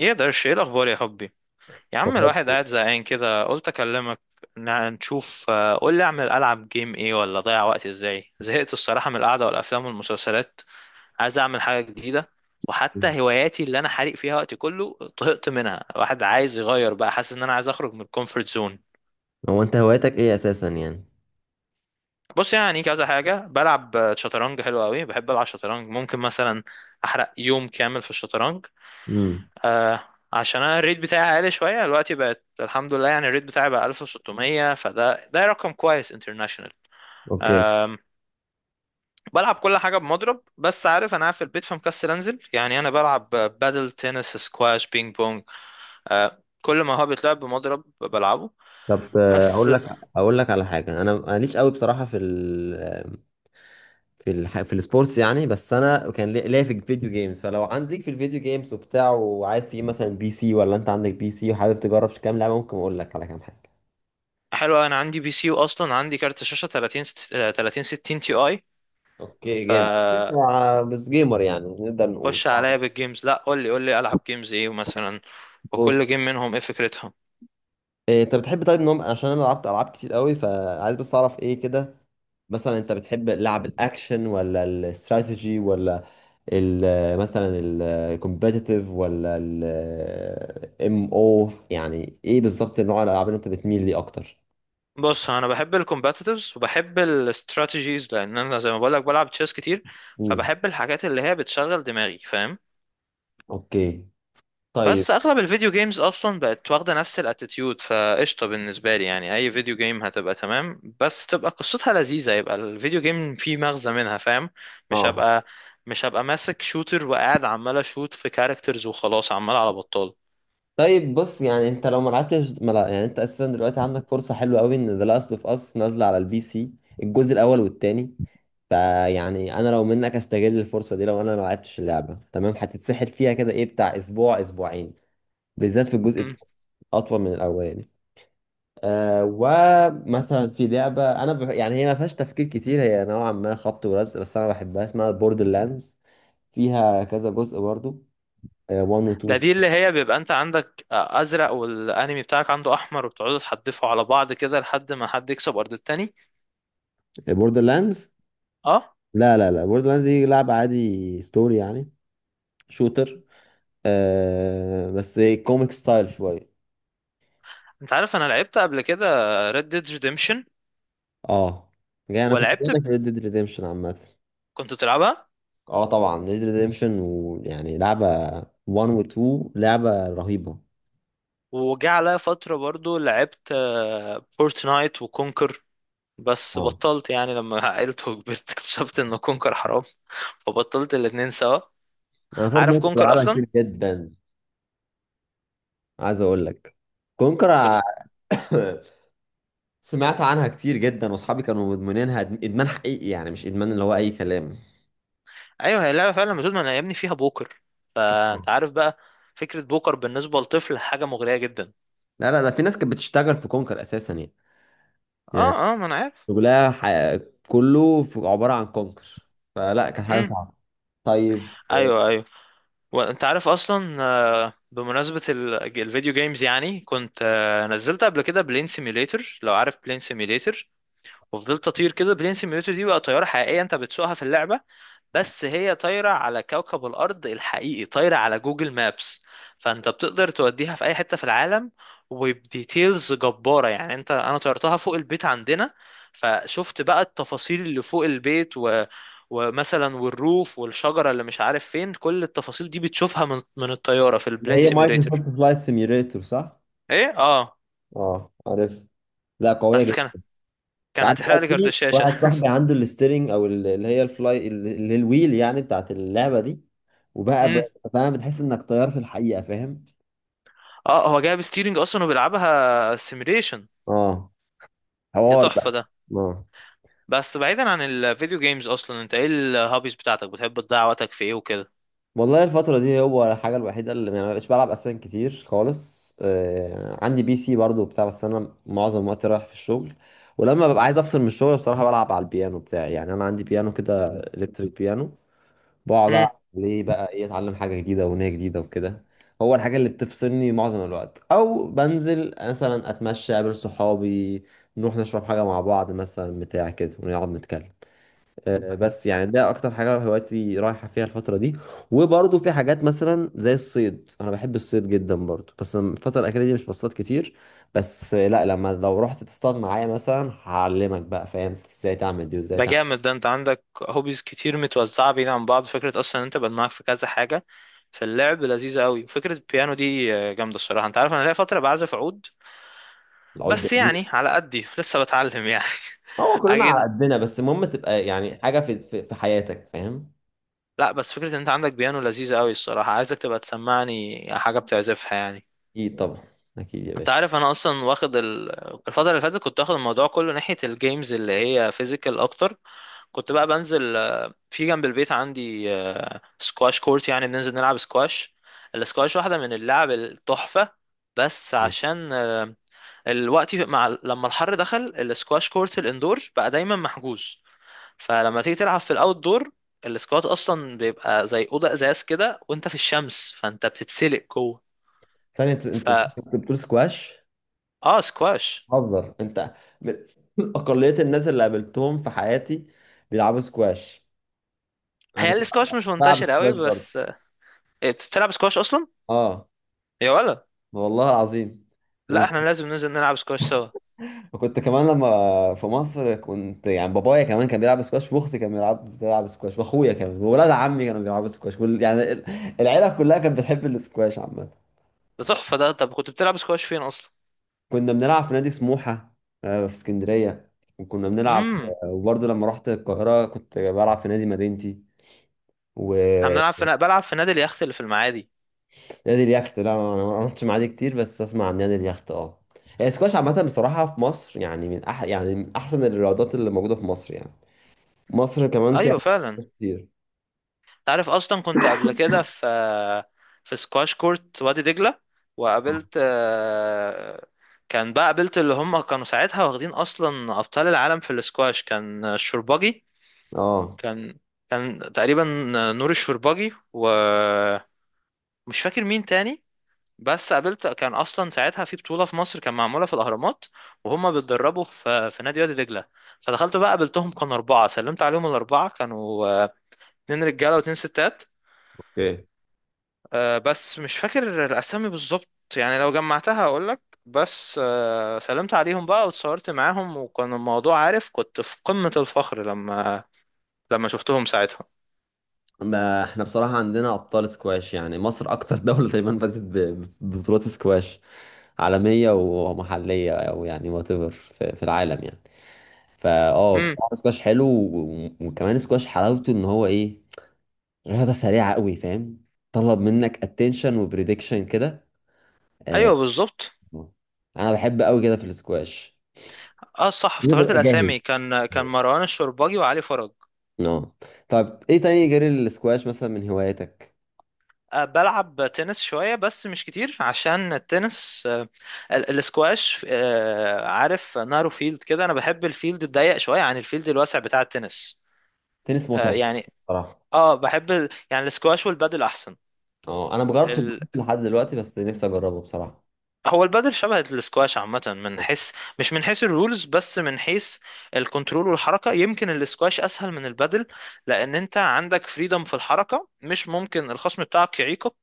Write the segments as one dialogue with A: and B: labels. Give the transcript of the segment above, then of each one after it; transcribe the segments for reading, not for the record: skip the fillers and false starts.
A: ايه ده، ايه الاخبار يا حبي؟ يا عم، الواحد
B: وفاكر.
A: قاعد زهقان كده قلت اكلمك. نشوف. قول لي، العب جيم ايه ولا اضيع وقتي ازاي؟ زهقت الصراحه من القعده والافلام والمسلسلات. عايز اعمل حاجه جديده.
B: مم.
A: وحتى هواياتي اللي انا حارق فيها وقتي كله طهقت منها. الواحد عايز يغير بقى، حاسس ان انا عايز اخرج من الكومفورت زون.
B: هو انت هوايتك ايه اساسا يعني؟
A: بص، يعني كذا حاجه بلعب، شطرنج حلو قوي. بحب العب شطرنج، ممكن مثلا احرق يوم كامل في الشطرنج.
B: امم.
A: آه. عشان انا الريت بتاعي عالي شويه دلوقتي، بقت الحمد لله. يعني الريت بتاعي بقى 1600، فده رقم كويس انترناشونال.
B: اوكي.
A: أم، بلعب كل حاجه بمضرب، بس عارف انا قاعد في البيت فمكسل انزل. يعني انا بلعب بادل، تنس، سكواش، بينج بونج. كل ما هو بيتلعب بمضرب بلعبه.
B: طب
A: بس.
B: اقول لك، اقول لك على حاجه. انا ماليش قوي بصراحه في ال، في الح...، في السبورتس يعني. بس انا كان ليا في الفيديو جيمز، فلو عندك في الفيديو جيمز وبتاع وعايز تجيب مثلا بي سي، ولا انت عندك بي سي وحابب تجرب في كام لعبه، ممكن اقول لك على كام حاجه.
A: حلو، انا عندي بي سي، واصلا عندي كارت شاشه 30 ست- آه، 30 60 تي اي.
B: اوكي.
A: ف
B: جامد. بس جيمر يعني، نقدر نقول
A: خش
B: طبعاً.
A: عليا بالجيمز، لا قول لي العب جيمز ايه مثلا، وكل
B: بص،
A: جيم منهم ايه فكرتها.
B: انت بتحب طيب نوم؟ عشان انا لعبت العاب كتير قوي، فعايز بس اعرف ايه كده. مثلا انت بتحب لعب الاكشن ولا الاستراتيجي، ولا ال مثلا الكومبيتيتيف، ولا الام او، يعني ايه بالظبط نوع الالعاب اللي انت بتميل ليه اكتر؟
A: بص، انا بحب الكومباتيتيفز وبحب الاستراتيجيز، لان انا زي ما بقول لك بلعب تشيس كتير.
B: امم.
A: فبحب الحاجات اللي هي بتشغل دماغي، فاهم؟
B: اوكي. طيب.
A: بس اغلب الفيديو جيمز اصلا بقت واخده نفس الاتيتيود، فقشطه بالنسبه لي. يعني اي فيديو جيم هتبقى تمام، بس تبقى قصتها لذيذه، يبقى الفيديو جيم فيه مغزى منها، فاهم؟ مش
B: اه.
A: هبقى مش هبقى ماسك شوتر وقاعد عمال اشوت في كاركترز وخلاص، عمال على بطال.
B: طيب بص، يعني انت لو ما لعبتش، ما لا يعني انت اساسا دلوقتي عندك فرصه حلوه قوي، ان ذا لاست اوف اس نازله على البي سي، الجزء الاول والتاني. فيعني انا لو منك استغل الفرصه دي. لو انا ما لعبتش اللعبه، تمام، هتتسحل فيها كده ايه بتاع اسبوع اسبوعين، بالذات في الجزء اطول من الاولاني. آه، ومثلا في لعبه، انا يعني هي ما فيهاش تفكير كتير، هي نوعا ما خبط ولزق، بس انا بحبها، اسمها بوردر لاندز، فيها كذا جزء برضو، 1 و
A: ده
B: 2.
A: دي اللي هي بيبقى انت عندك ازرق والانمي بتاعك عنده احمر، وبتقعدوا تحدفوا على بعض كده لحد ما حد يكسب ارض التاني.
B: بوردر لاندز؟
A: اه.
B: لا بوردر لاندز دي لعبه عادي ستوري يعني، شوتر بس كوميك ستايل شويه.
A: انت عارف انا لعبت قبل كده Red Dead Redemption.
B: اه، جاي، انا كنت بقول
A: ولعبت ب...
B: لك ريد ديد ريديمشن عامه.
A: كنت بتلعبها.
B: اه طبعا ريد ديد ريديمشن، ويعني لعبه 1 و 2 لعبه رهيبه.
A: وجه عليا فترة برضو، لعبت فورتنايت وكونكر. بس
B: اه.
A: بطلت، يعني لما عقلت وكبرت اكتشفت ان كونكر حرام فبطلت الاتنين سوا.
B: انا
A: عارف
B: فورتنايت كنت
A: كونكر
B: بلعبها
A: اصلا؟
B: كتير جدا. عايز اقول لك كونكر.
A: كنت.
B: سمعت عنها كتير جدا، واصحابي كانوا مدمنينها ادمان حقيقي يعني، مش ادمان اللي هو اي كلام.
A: ايوه، هي لعبة فعلا بتقول ما انا يا ابني فيها بوكر،
B: آه.
A: فانت عارف بقى. فكرة بوكر بالنسبة لطفل حاجة مغرية جدا.
B: لا لا، ده في ناس كانت بتشتغل في كونكر اساسا يعني، يعني
A: اه، اه، ما انا عارف.
B: شغلها ح- كله عبارة عن كونكر، فلا كانت حاجة
A: امم.
B: صعبة. طيب.
A: ايوه، ايوه. وانت عارف اصلا، بمناسبه الفيديو جيمز، يعني كنت نزلت قبل كده بلين سيميوليتر. لو عارف بلين سيميوليتر، وفضلت اطير كده. بلين سيميوليتر دي بقى طياره حقيقيه انت بتسوقها في اللعبه، بس هي طايرة على كوكب الأرض الحقيقي، طايرة على جوجل مابس. فأنت بتقدر توديها في أي حتة في العالم، وبديتيلز جبارة. يعني أنا طيرتها فوق البيت عندنا، فشفت بقى التفاصيل اللي فوق البيت. ومثلا والروف والشجرة اللي مش عارف فين، كل التفاصيل دي بتشوفها من الطيارة في
B: اللي
A: البلين
B: هي
A: سيميوليتر.
B: مايكروسوفت فلايت سيميوليتور صح؟
A: إيه، آه.
B: اه عارف. لا قوية
A: بس كان
B: جدا.
A: كان
B: عارف بقى
A: هتحرق لي كارت
B: في
A: الشاشة.
B: واحد صاحبي عنده الستيرنج، او اللي هي الفلاي، اللي هي الويل يعني، بتاعت اللعبة دي، وبقى
A: امم.
B: ب- فاهم، بتحس انك طيار في الحقيقة، فاهم.
A: اه، هو جايب ستيرنج أصلا وبيلعبها سيميوليشن.
B: اه.
A: دي
B: حوار
A: تحفة
B: بقى.
A: ده.
B: اه.
A: بس بعيدا عن الفيديو جيمز، اصلا انت ايه الهوبيز بتاعتك، بتحب تضيع وقتك في ايه وكده؟
B: والله الفترة دي هو الحاجة الوحيدة اللي يعني ما بقتش بلعب أساسا كتير خالص. عندي بي سي برضو بتاع، بس أنا معظم وقتي رايح في الشغل. ولما ببقى عايز أفصل من الشغل، بصراحة بلعب على البيانو بتاعي، يعني أنا عندي بيانو كده، إلكتريك بيانو. بقعد
A: امم.
B: ألعب عليه بقى، إيه، أتعلم حاجة جديدة، أغنية جديدة وكده. هو الحاجة اللي بتفصلني معظم الوقت. أو بنزل مثلا أتمشى، أقابل صحابي، نروح نشرب حاجة مع بعض مثلا بتاع كده، ونقعد نتكلم. بس يعني ده اكتر حاجه هوايتي رايحه فيها الفتره دي. وبرضه في حاجات مثلا زي الصيد، انا بحب الصيد جدا برضه، بس الفتره الاخيره دي مش بصطاد كتير. بس لا، لما لو رحت تصطاد معايا مثلا، هعلمك بقى، فاهم، ازاي تعمل دي وازاي
A: ده
B: تعمل.
A: جامد ده، انت عندك هوبيز كتير متوزعه بعيد عن بعض، فكره اصلا إن انت بقى معاك في كذا حاجه، فاللعب لذيذه قوي. فكره البيانو دي جامده الصراحه. انت عارف انا ليا فتره بعزف عود،
B: العود
A: بس
B: جميل.
A: يعني على قدي لسه بتعلم يعني.
B: هو كلنا على
A: اكيد.
B: قدنا، بس المهم تبقى يعني حاجه في حياتك، فاهم.
A: لا، بس فكره ان انت عندك بيانو لذيذه قوي الصراحه، عايزك تبقى تسمعني حاجه بتعزفها يعني.
B: اكيد طبعا، اكيد يا
A: انت
B: باشا.
A: عارف انا اصلا واخد الفتره اللي فاتت كنت واخد الموضوع كله ناحيه الجيمز اللي هي فيزيكال اكتر. كنت بقى بنزل، في جنب البيت عندي سكواش كورت، يعني بننزل نلعب سكواش. السكواش واحدة من اللعب التحفة. بس عشان الوقت، مع لما الحر دخل السكواش كورت الاندور بقى دايما محجوز، فلما تيجي تلعب في الاوت دور، السكوات اصلا بيبقى زي اوضه ازاز كده وانت في الشمس، فانت بتتسلق جوه.
B: ثانيه، انت انت أنت
A: فا
B: كنت بتقول سكواش؟
A: اه، سكواش.
B: حذر انت من اقليه الناس اللي قابلتهم في حياتي بيلعبوا سكواش. انا
A: هي
B: كنت
A: السكواش مش
B: بلعب
A: منتشر قوي،
B: سكواش برضه.
A: بس. إيه، بتلعب سكواش اصلا؟
B: اه
A: يا ولا؟
B: والله العظيم.
A: لا
B: و-
A: احنا لازم ننزل نلعب سكواش سوا.
B: وكنت كمان لما في مصر، كنت يعني بابايا كمان كان بيلعب سكواش، واختي كان بيلعب سكواش، واخويا كمان، وولاد عمي كانوا بيلعبوا سكواش، العيله كلها كانت بتحب السكواش عامه.
A: ده تحفة ده، طب كنت بتلعب سكواش فين أصلا؟
B: كنا بنلعب في نادي سموحه، في اسكندريه، وكنا بنلعب.
A: امم.
B: وبرضه لما رحت القاهره كنت بلعب في نادي مدينتي و.
A: احنا بنلعب في بلعب في نادي اليخت اللي في المعادي.
B: نادي اليخت؟ لا انا، أنا ما عملتش مع دي كتير، بس اسمع عن نادي اليخت، اه. هي السكواش عامه بصراحه في مصر يعني، من أح يعني من احسن الرياضات اللي موجوده في مصر يعني، مصر كمان فيها
A: أيوة فعلا.
B: كتير.
A: أنت عارف أصلا كنت قبل كده في سكواش كورت وادي دجلة، وقابلت آه، كان بقى قابلت اللي هم كانوا ساعتها واخدين أصلا أبطال العالم في السكواش، كان الشرباجي.
B: اه.
A: كان كان تقريبا نور الشرباجي ومش فاكر مين تاني. بس قابلت كان اصلا ساعتها في بطوله في مصر، كان معموله في الاهرامات، وهم بيتدربوا في نادي وادي دجله. فدخلت بقى قابلتهم، كانوا اربعه، سلمت عليهم الاربعه، كانوا اتنين رجاله واتنين ستات.
B: اوكي.
A: بس مش فاكر الاسامي بالظبط، يعني لو جمعتها هقول لك. بس سلمت عليهم بقى واتصورت معاهم، وكان الموضوع، عارف، كنت في قمه الفخر لما شفتهم ساعتها.
B: ما احنا بصراحه عندنا ابطال سكواش يعني، مصر اكتر دوله تقريبا فازت ببطولات سكواش عالميه ومحليه، او يعني وات ايفر في في العالم يعني. فا اه
A: امم.
B: بصراحه سكواش حلو، وكمان سكواش حلاوته ان هو ايه، رياضة سريعة قوي، فاهم، طلب منك اتنشن وبريدكشن كده.
A: ايوه بالظبط.
B: انا بحب قوي كده في السكواش.
A: اه صح،
B: لازم
A: افتكرت
B: ابقى جاهز.
A: الاسامي، كان مروان الشربجي وعلي فرج.
B: اه. طب ايه تاني غير السكواش مثلا من هواياتك؟
A: بلعب تنس شوية بس مش كتير، عشان التنس الاسكواش، عارف نارو فيلد كده، انا بحب الفيلد الضيق شوية عن الفيلد الواسع بتاع التنس.
B: تنس متعب
A: يعني.
B: بصراحة.
A: اه، بحب يعني الاسكواش والبادل احسن.
B: اه انا مجربتش الدنيس لحد دلوقتي، بس نفسي اجربه بصراحة.
A: هو البادل شبه الاسكواش عامة، من حيث، مش من حيث الرولز، بس من حيث الكنترول والحركة. يمكن الاسكواش أسهل من البادل، لأن أنت عندك فريدم في الحركة، مش ممكن الخصم بتاعك يعيقك.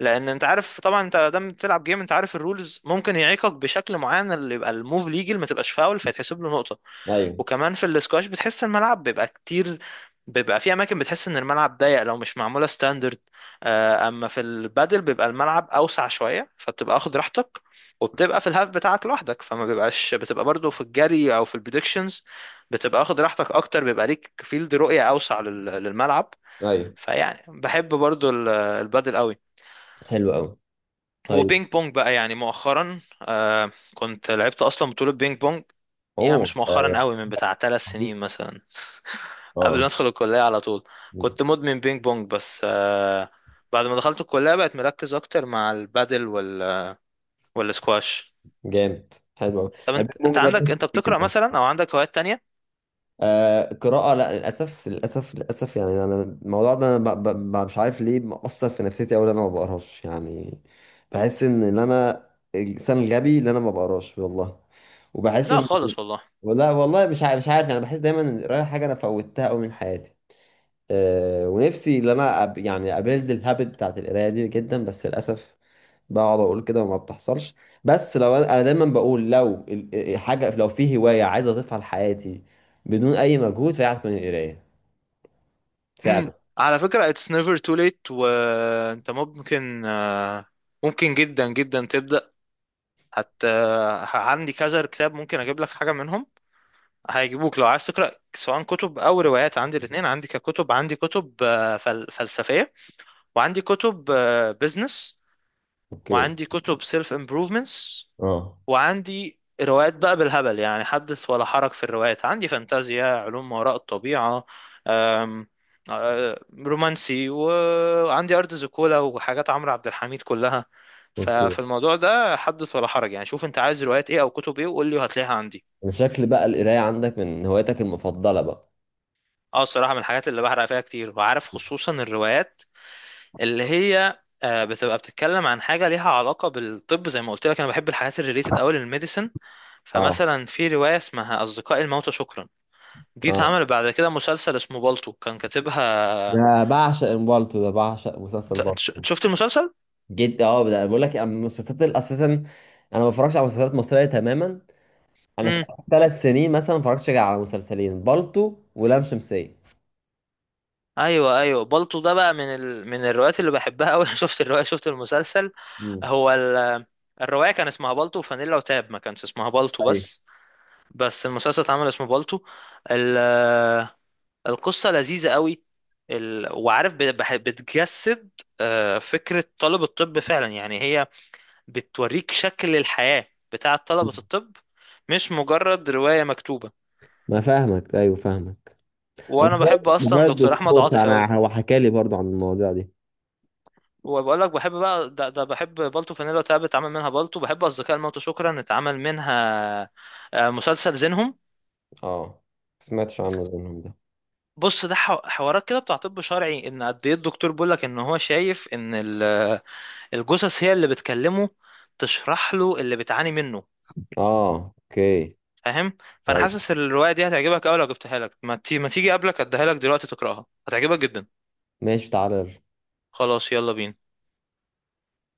A: لأن أنت عارف طبعا، أنت دام بتلعب جيم أنت عارف الرولز ممكن يعيقك بشكل معين، اللي يبقى الموف ليجل ما تبقاش فاول فيتحسب له نقطة.
B: ايوه
A: وكمان في الاسكواش بتحس الملعب بيبقى كتير، بيبقى في اماكن بتحس ان الملعب ضيق لو مش معموله ستاندرد. اما في البادل بيبقى الملعب اوسع شويه، فبتبقى واخد راحتك، وبتبقى في الهاف بتاعك لوحدك، فما بيبقاش بتبقى برضو في الجري او في البريدكشنز، بتبقى واخد راحتك اكتر، بيبقى ليك فيلد رؤية اوسع للملعب.
B: ايوه.
A: فيعني بحب برضو البادل قوي.
B: حلو قوي. طيب.
A: وبينج بونج بقى، يعني مؤخرا كنت لعبت اصلا بطولة بينج بونج. يعني
B: اوه.
A: مش مؤخرا قوي، من بتاع ثلاث
B: اه.
A: سنين مثلا، قبل ما
B: آه.
A: ادخل الكلية على طول. كنت مدمن بينج بونج، بس. بعد ما دخلت الكلية بقت مركز اكتر مع البادل والسكواش.
B: جامد. حلو قوي.
A: طب انت
B: البيج بونج
A: انت عندك، بتقرأ
B: ده.
A: مثلا او عندك هوايات تانية؟
B: آه قراءة. لا للأسف للأسف للأسف، يعني أنا الموضوع ده أنا مش عارف ليه مأثر في نفسيتي أوي، إن أنا ما بقراش يعني. بحس إن أنا الإنسان الغبي اللي أنا ما بقراش، والله. وبحس
A: لا
B: إن.
A: خالص والله.
B: والله والله مش عارف، مش عارف، أنا بحس دايما إن القراية حاجة أنا فوتها أوي من حياتي. ونفسي ان انا أب يعني ابيلد الهابت بتاعت القرايه دي جدا، بس للاسف بقعد اقول كده وما بتحصلش. بس أنا دايما بقول لو حاجه، لو في هوايه عايز اضيفها لحياتي بدون اي مجهود، فهي هتكون القرايه فعلا.
A: امم، على فكرة it's never too late، وانت ممكن، ممكن جدا جدا تبدأ. حتى عندي كذا كتاب ممكن اجيب لك حاجة منهم هيجيبوك لو عايز تقرأ، سواء كتب او روايات، عندي الاثنين. عندي كتب فلسفية، وعندي كتب بزنس،
B: اوكي.
A: وعندي كتب سيلف امبروفمنتس.
B: اه.
A: وعندي روايات بقى بالهبل يعني، حدث ولا حرج في الروايات عندي، فانتازيا، علوم ما وراء الطبيعة، أم، رومانسي، وعندي أرض زيكولا وحاجات عمرو عبد الحميد كلها.
B: اوكي.
A: ففي الموضوع ده حدث ولا حرج، يعني شوف انت عايز روايات ايه او كتب ايه، وقول لي وهتلاقيها عندي.
B: انا شكل بقى القرايه عندك من هواياتك المفضله بقى.
A: اه الصراحة، من الحاجات اللي بحرق فيها كتير، وعارف، خصوصا الروايات اللي هي بتتكلم عن حاجة ليها علاقة بالطب، زي ما قلت لك انا بحب الحاجات الريليتد قوي للميديسن.
B: اه.
A: فمثلا في رواية اسمها أصدقاء الموتى شكرا، دي
B: اه
A: اتعمل بعد كده مسلسل اسمه بالطو، كان كاتبها.
B: بعشق امبالتو، ده بعشق مسلسل
A: انت
B: بالتو
A: شفت المسلسل؟
B: جدا. اه، ده بقول لك المسلسلات اساسا، انا ما بفرجش على مسلسلات مصريه تماما. انا في اخر 3 سنين مثلا، ما اتفرجتش غير على مسلسلين، بالطو ولام شمسية.
A: ايوه ايوه، بالطو ده بقى من من الروايات اللي بحبها قوي. شفت الروايه، شفت المسلسل.
B: مم.
A: هو الروايه كان اسمها بالطو وفانيلا وتاب، ما كانش اسمها بالطو
B: ايوه.
A: بس، بس المسلسل اتعمل اسمه بالطو. ال... القصه لذيذه قوي. وعارف، بتجسد فكره طلب الطب فعلا. يعني هي بتوريك شكل الحياه بتاعه
B: مم.
A: طلبه الطب، مش مجرد روايه مكتوبه.
B: ما فاهمك، ايوه فاهمك. انا
A: وانا
B: موبايل
A: بحب اصلا
B: موبايل
A: دكتور احمد
B: دكتور،
A: عاطف قوي.
B: فانا هو حكى لي برضو عن المواضيع دي.
A: وبقول لك بحب بقى ده، بحب بالتو فانيلا وتعب، اتعمل منها بالتو، بحب اصدقاء الموت شكرا، اتعمل منها مسلسل زينهم.
B: اه، ما سمعتش عنه زيهم ده.
A: بص ده حوارات كده بتاع طب شرعي، ان قد ايه الدكتور بيقول لك ان هو شايف ان الجثث هي اللي بتكلمه، تشرح له اللي بتعاني منه،
B: اه. اوكي.
A: فاهم؟ فانا
B: ايوه.
A: حاسس الروايه دي هتعجبك قوي، لو جبتها لك ما تيجي قبلك اديها لك دلوقتي تقراها هتعجبك جدا.
B: ماشي، تعالى يلا.
A: خلاص، يلا بينا.